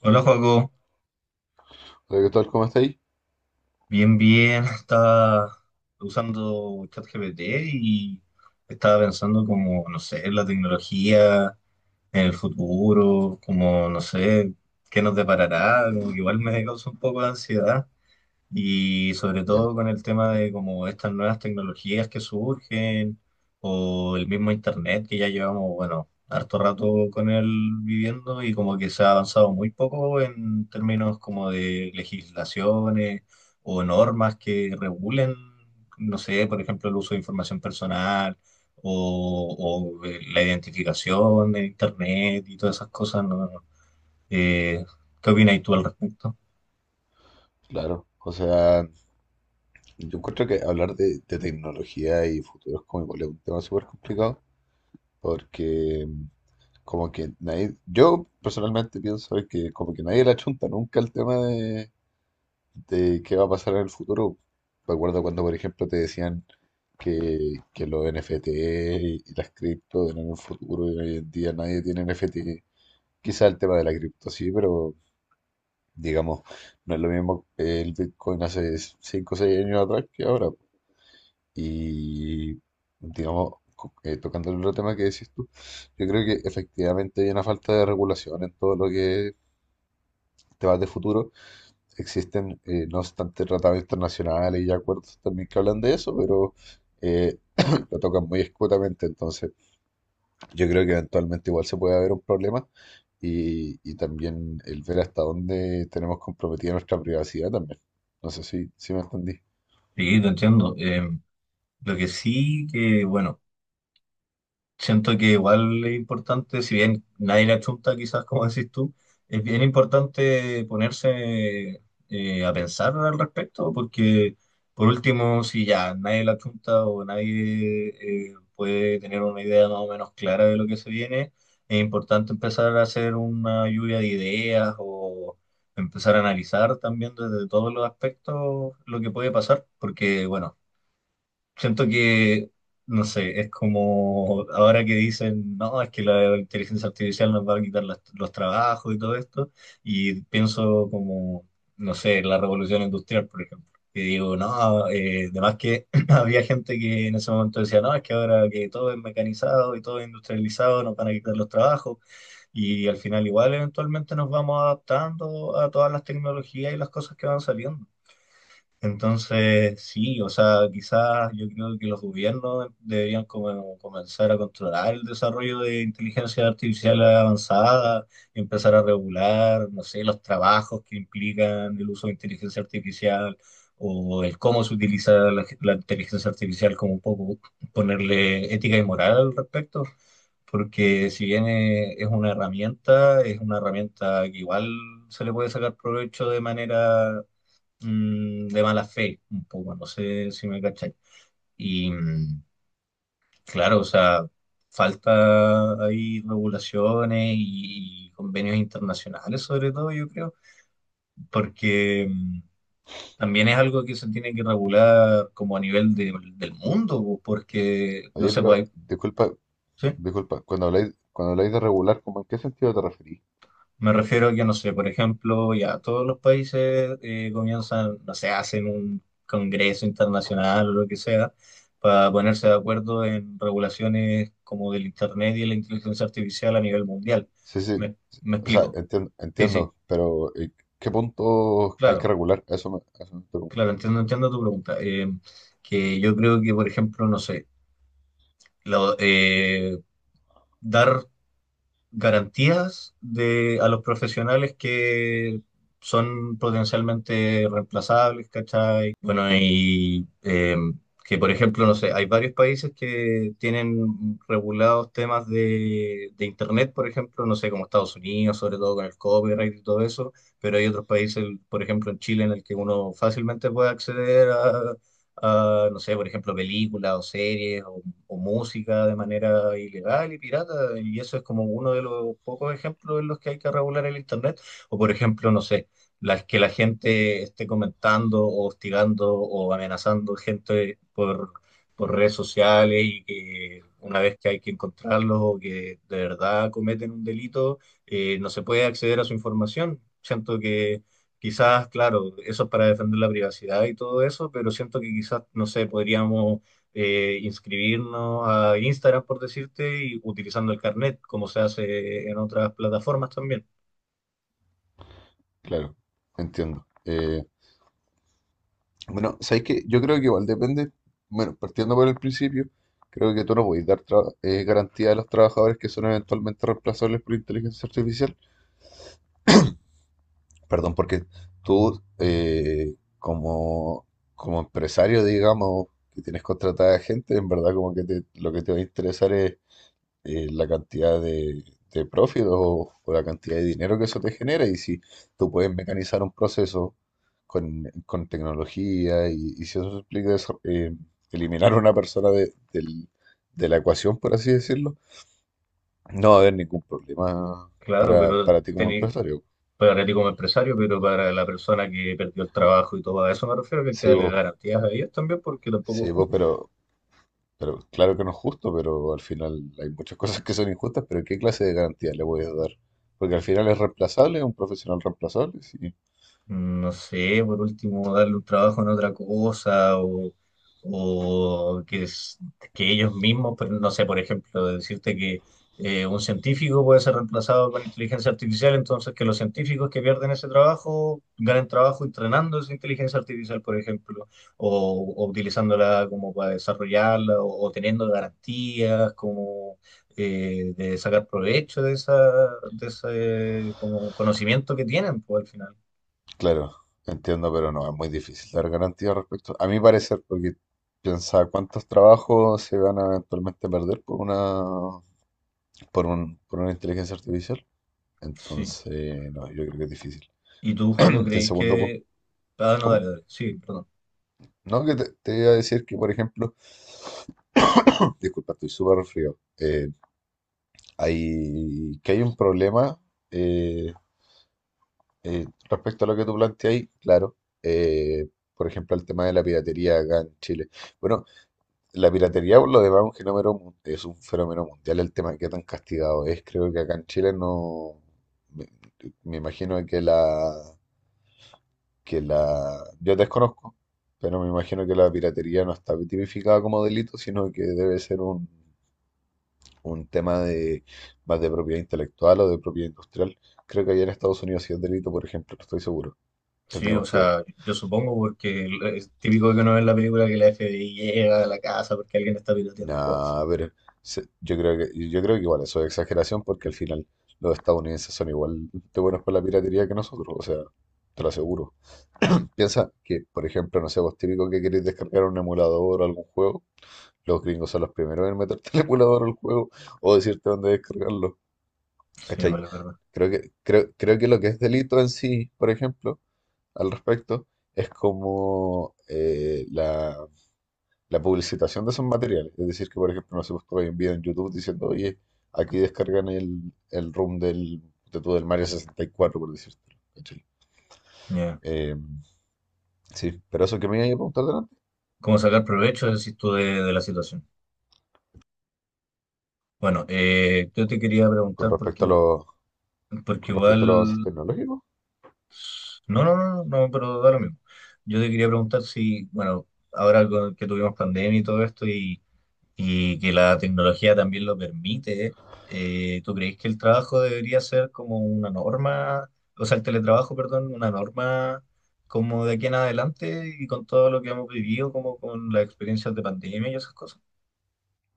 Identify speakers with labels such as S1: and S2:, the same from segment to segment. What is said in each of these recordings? S1: Hola, Joaco.
S2: Hola, ¿qué tal? ¿Cómo estáis?
S1: Bien, bien. Estaba usando ChatGPT y estaba pensando como, no sé, en la tecnología, en el futuro, como, no sé, qué nos deparará. Como que igual me causa un poco de ansiedad. Y sobre
S2: Ya,
S1: todo con el tema de como estas nuevas tecnologías que surgen o el mismo internet que ya llevamos, bueno, harto rato con él viviendo y como que se ha avanzado muy poco en términos como de legislaciones o normas que regulen, no sé, por ejemplo, el uso de información personal o la identificación de internet y todas esas cosas, ¿no? Eh, ¿Qué opinas tú al respecto?
S2: claro. O sea, yo encuentro que hablar de tecnología y futuros como igual es un tema súper complicado porque como que nadie, yo personalmente pienso que como que nadie la chunta nunca el tema de qué va a pasar en el futuro. Me acuerdo cuando, por ejemplo, te decían que los NFT y las cripto eran el futuro y hoy en día nadie tiene NFT. Quizá el tema de la cripto sí, pero digamos, no es lo mismo el Bitcoin hace 5 o 6 años atrás que ahora. Y digamos, tocando el otro tema que decís tú, yo creo que efectivamente hay una falta de regulación en todo lo que es temas de futuro. Existen, no obstante, tratados internacionales y acuerdos también que hablan de eso, pero eh, lo tocan muy escuetamente. Entonces, yo creo que eventualmente igual se puede haber un problema y también el ver hasta dónde tenemos comprometida nuestra privacidad también. No sé si me entendí.
S1: Sí, te entiendo. Lo que sí que, bueno, siento que igual es importante, si bien nadie la chunta, quizás como decís tú, es bien importante ponerse a pensar al respecto, porque por último, si ya nadie la chunta o nadie puede tener una idea más o menos clara de lo que se viene, es importante empezar a hacer una lluvia de ideas o empezar a analizar también desde todos los aspectos lo que puede pasar, porque, bueno, siento que, no sé, es como ahora que dicen, no, es que la inteligencia artificial nos va a quitar las- los trabajos y todo esto, y pienso como, no sé, la revolución industrial, por ejemplo. Y digo, no, además que había gente que en ese momento decía, no, es que ahora que todo es mecanizado y todo es industrializado, nos van a quitar los trabajos, y al final igual eventualmente nos vamos adaptando a todas las tecnologías y las cosas que van saliendo. Entonces, sí, o sea, quizás yo creo que los gobiernos deberían como comenzar a controlar el desarrollo de inteligencia artificial avanzada, empezar a regular, no sé, los trabajos que implican el uso de inteligencia artificial o el cómo se utiliza la inteligencia artificial, como un poco ponerle ética y moral al respecto porque si bien es una herramienta que igual se le puede sacar provecho de manera de mala fe, un poco, no sé si me cacháis. Y claro, o sea, falta ahí regulaciones y, convenios internacionales, sobre todo, yo creo, porque también es algo que se tiene que regular como a nivel de- del mundo, porque no
S2: Oye,
S1: se
S2: pero
S1: puede.
S2: disculpa,
S1: ¿Sí?
S2: disculpa, cuando habláis de regular, ¿cómo en qué sentido te referís?
S1: Me refiero a que, no sé, por ejemplo, ya todos los países comienzan, no sé, hacen un congreso internacional o lo que sea, para ponerse de acuerdo en regulaciones como del Internet y la inteligencia artificial a nivel mundial.
S2: Sí, sí,
S1: ¿Me, me
S2: o sea,
S1: explico? Sí, sí,
S2: entiendo, pero ¿qué punto hay que
S1: claro,
S2: regular? A eso a eso me pregunto.
S1: claro, entiendo, entiendo tu pregunta. Que yo creo que, por ejemplo, no sé, lo- dar garantías de, a los profesionales que son potencialmente reemplazables, ¿cachai? Eh, bueno, y que por ejemplo, no sé, hay varios países que tienen regulados temas de Internet, por ejemplo, no sé, como Estados Unidos, sobre todo con el copyright y todo eso, pero hay otros países, por ejemplo, en Chile, en el que uno fácilmente puede acceder a, no sé, por ejemplo, películas o series o música de manera ilegal y pirata, y eso es como uno de los pocos ejemplos en los que hay que regular el Internet, o por ejemplo, no sé las que la gente esté comentando o hostigando o amenazando gente por redes sociales y que una vez que hay que encontrarlos o que de verdad cometen un delito, no se puede acceder a su información. Siento que quizás, claro, eso es para defender la privacidad y todo eso, pero siento que quizás, no sé, podríamos... inscribirnos a Instagram, por decirte, y utilizando el carnet, como se hace en otras plataformas también.
S2: Claro, entiendo. Bueno, sabéis que yo creo que igual depende, bueno, partiendo por el principio, creo que tú no podéis dar garantía a los trabajadores que son eventualmente reemplazables por inteligencia artificial. Perdón, porque tú, como empresario, digamos, que tienes contratada gente, en verdad como que lo que te va a interesar es la cantidad de profit o la cantidad de dinero que eso te genera. Y si tú puedes mecanizar un proceso con tecnología y si eso implica eso, eliminar a una persona de la ecuación, por así decirlo, no va a haber ningún problema
S1: Claro, pero
S2: para ti como
S1: teni-
S2: empresario.
S1: para a ti como empresario, pero para la persona que perdió el trabajo y todo, a eso me refiero, que hay que
S2: Sí,
S1: darle
S2: vos,
S1: garantías a ellos también, porque tampoco es
S2: sí, vos,
S1: justo.
S2: pero claro que no es justo, pero al final hay muchas cosas que son injustas, pero ¿qué clase de garantía le voy a dar? Porque al final es reemplazable, es un profesional reemplazable, sí.
S1: No sé, por último, darle un trabajo en otra cosa o que, es- que ellos mismos, pero no sé, por ejemplo, decirte que un científico puede ser reemplazado con inteligencia artificial, entonces que los científicos que pierden ese trabajo ganen trabajo entrenando esa inteligencia artificial, por ejemplo, o utilizándola como para desarrollarla o teniendo garantías como de sacar provecho de, esa, de ese como conocimiento que tienen, pues al final.
S2: Claro, entiendo, pero no, es muy difícil dar garantía respecto, a mi parecer, porque piensa cuántos trabajos se van a eventualmente perder por por una inteligencia artificial.
S1: Sí.
S2: Entonces, no, yo creo que es difícil.
S1: ¿Y tú, Joaco,
S2: Y el
S1: creís
S2: segundo punto,
S1: que... Ah, no, dale,
S2: ¿cómo?
S1: dale. Sí, perdón.
S2: No, que te iba a decir que, por ejemplo, disculpa, estoy súper resfriado. Que hay un problema eh, respecto a lo que tú planteas claro. eh, por ejemplo, el tema de la piratería acá en Chile. Bueno, la piratería, por lo demás, es un fenómeno, es un fenómeno mundial el tema que tan castigado es. Creo que acá en Chile no. Me, me imagino que la, que la, yo desconozco, pero me imagino que la piratería no está tipificada como delito, sino que debe ser un tema de más de propiedad intelectual o de propiedad industrial. Creo que allá en Estados Unidos sí es delito, por ejemplo, no estoy seguro.
S1: Sí, o
S2: Tendríamos que ver.
S1: sea, yo supongo porque es típico que uno ve en la película que la FBI llega a la casa porque alguien está piloteando cosas.
S2: No, pero yo creo que igual eso es exageración porque al final los estadounidenses son igual de buenos con la piratería que nosotros, o sea, te lo aseguro. Piensa que, por ejemplo, no sé, vos típico que querés descargar un emulador o algún juego, los gringos son los primeros en meterte el emulador al juego o decirte dónde descargarlo,
S1: Sí,
S2: ¿cachai?
S1: vale, es verdad.
S2: Creo que, creo, creo que lo que es delito en sí, por ejemplo, al respecto, es como la publicitación de esos materiales. Es decir, que por ejemplo, no sé, pues tú hay un video en YouTube diciendo, oye, aquí descargan el ROM del Mario 64, por decirte.
S1: Ya.
S2: Sí, pero eso que me iba a preguntar delante,
S1: ¿Cómo sacar provecho, decís tú, de la situación? Bueno, yo te quería
S2: con
S1: preguntar
S2: respecto a los,
S1: porque
S2: con
S1: igual...
S2: respecto a los avances tecnológicos,
S1: No, no, no, no, pero da lo mismo. Yo te quería preguntar si, bueno, ahora con- que tuvimos pandemia y todo esto y que la tecnología también lo permite, ¿tú crees que el trabajo debería ser como una norma, o sea, el teletrabajo, perdón, una norma como de aquí en adelante y con todo lo que hemos vivido, como con las experiencias de pandemia y esas cosas?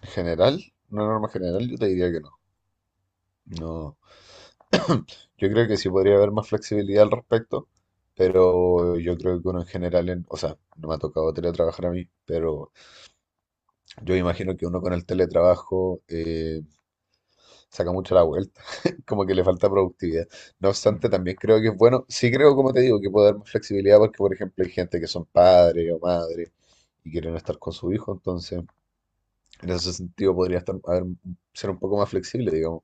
S2: en general, una norma general, yo te diría que no. No, yo creo que sí podría haber más flexibilidad al respecto, pero yo creo que uno en general, o sea, no me ha tocado teletrabajar a mí, pero yo imagino que uno con el teletrabajo saca mucho la vuelta, como que le falta productividad. No
S1: Mm.
S2: obstante, también creo que es bueno, sí creo, como te digo, que puede dar más flexibilidad porque, por ejemplo, hay gente que son padres o madres y quieren estar con su hijo, entonces en ese sentido podría ser un poco más flexible, digamos.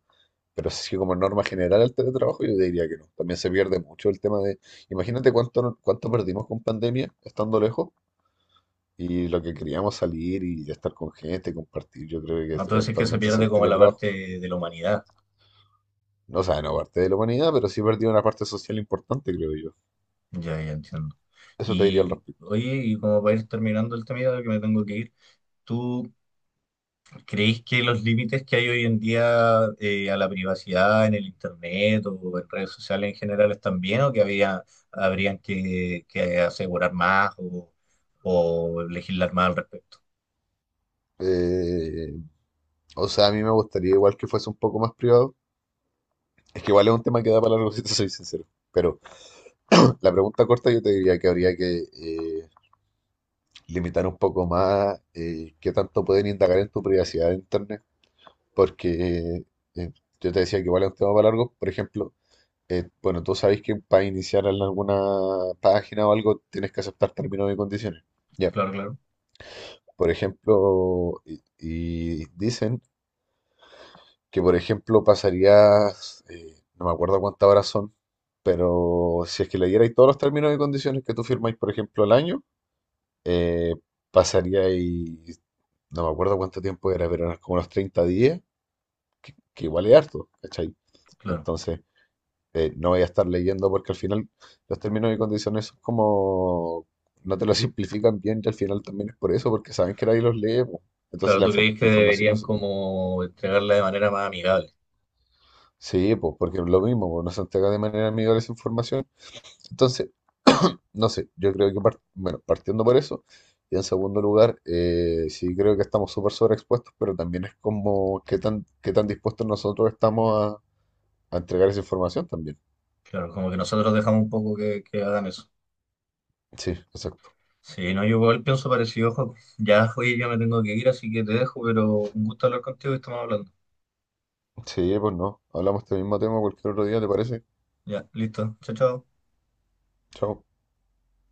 S2: Pero sí, como norma general el teletrabajo, yo diría que no. También se pierde mucho el tema de, imagínate cuánto, no- cuánto perdimos con pandemia estando lejos y lo que queríamos salir y estar con gente, compartir, yo creo que
S1: Entonces es que se
S2: actualmente es
S1: pierde
S2: el
S1: como la parte
S2: teletrabajo.
S1: de la humanidad,
S2: No, o sea, no parte de la humanidad, pero sí perdió una parte social importante, creo yo.
S1: ya, ya entiendo.
S2: Eso te diría al
S1: Y
S2: respecto.
S1: oye, y como para ir terminando el tema, ya que me tengo que ir, ¿tú ¿creéis que los límites que hay hoy en día a la privacidad en el internet o en redes sociales en general están bien o que había, habrían que asegurar más o legislar más al respecto?
S2: Eh, o sea, a mí me gustaría igual que fuese un poco más privado. Es que igual es un tema que da para largo, si te soy sincero. Pero la pregunta corta yo te diría que habría que limitar un poco más qué tanto pueden indagar en tu privacidad de internet. Porque eh, yo te decía que igual es un tema para largo. Por ejemplo, bueno, tú sabes que para iniciar en alguna página o algo tienes que aceptar términos y condiciones. Ya.
S1: Claro, claro,
S2: Por ejemplo, y dicen que, por ejemplo, pasarías, no me acuerdo cuántas horas son, pero si es que leyerais todos los términos y condiciones que tú firmáis, por ejemplo, al año, eh, pasaríais, no me acuerdo cuánto tiempo era, pero eran como unos 30 días, que igual es harto, ¿cachai?
S1: claro.
S2: Entonces, no voy a estar leyendo porque al final los términos y condiciones son como, no te lo simplifican bien y al final también es por eso, porque saben que nadie los lee, po. Entonces
S1: Claro,
S2: la,
S1: ¿tú creéis
S2: la
S1: que
S2: información no,
S1: deberían como entregarla de manera más amigable?
S2: sí, pues, porque es lo mismo, pues, no se entrega de manera amigable esa información. Entonces, no sé, yo creo que, bueno, partiendo por eso, y en segundo lugar, sí creo que estamos súper sobreexpuestos, pero también es como qué tan dispuestos nosotros estamos a entregar esa información también.
S1: Claro, como que nosotros dejamos un poco que hagan eso.
S2: Sí, exacto.
S1: Sí, no, yo igual pienso parecido, Joaco. Ya, oye, ya me tengo que ir, así que te dejo, pero un gusto hablar contigo y estamos hablando.
S2: Sí, pues no, hablamos de este mismo tema cualquier otro día, ¿te parece?
S1: Ya, listo. Chao, chao.
S2: Chao.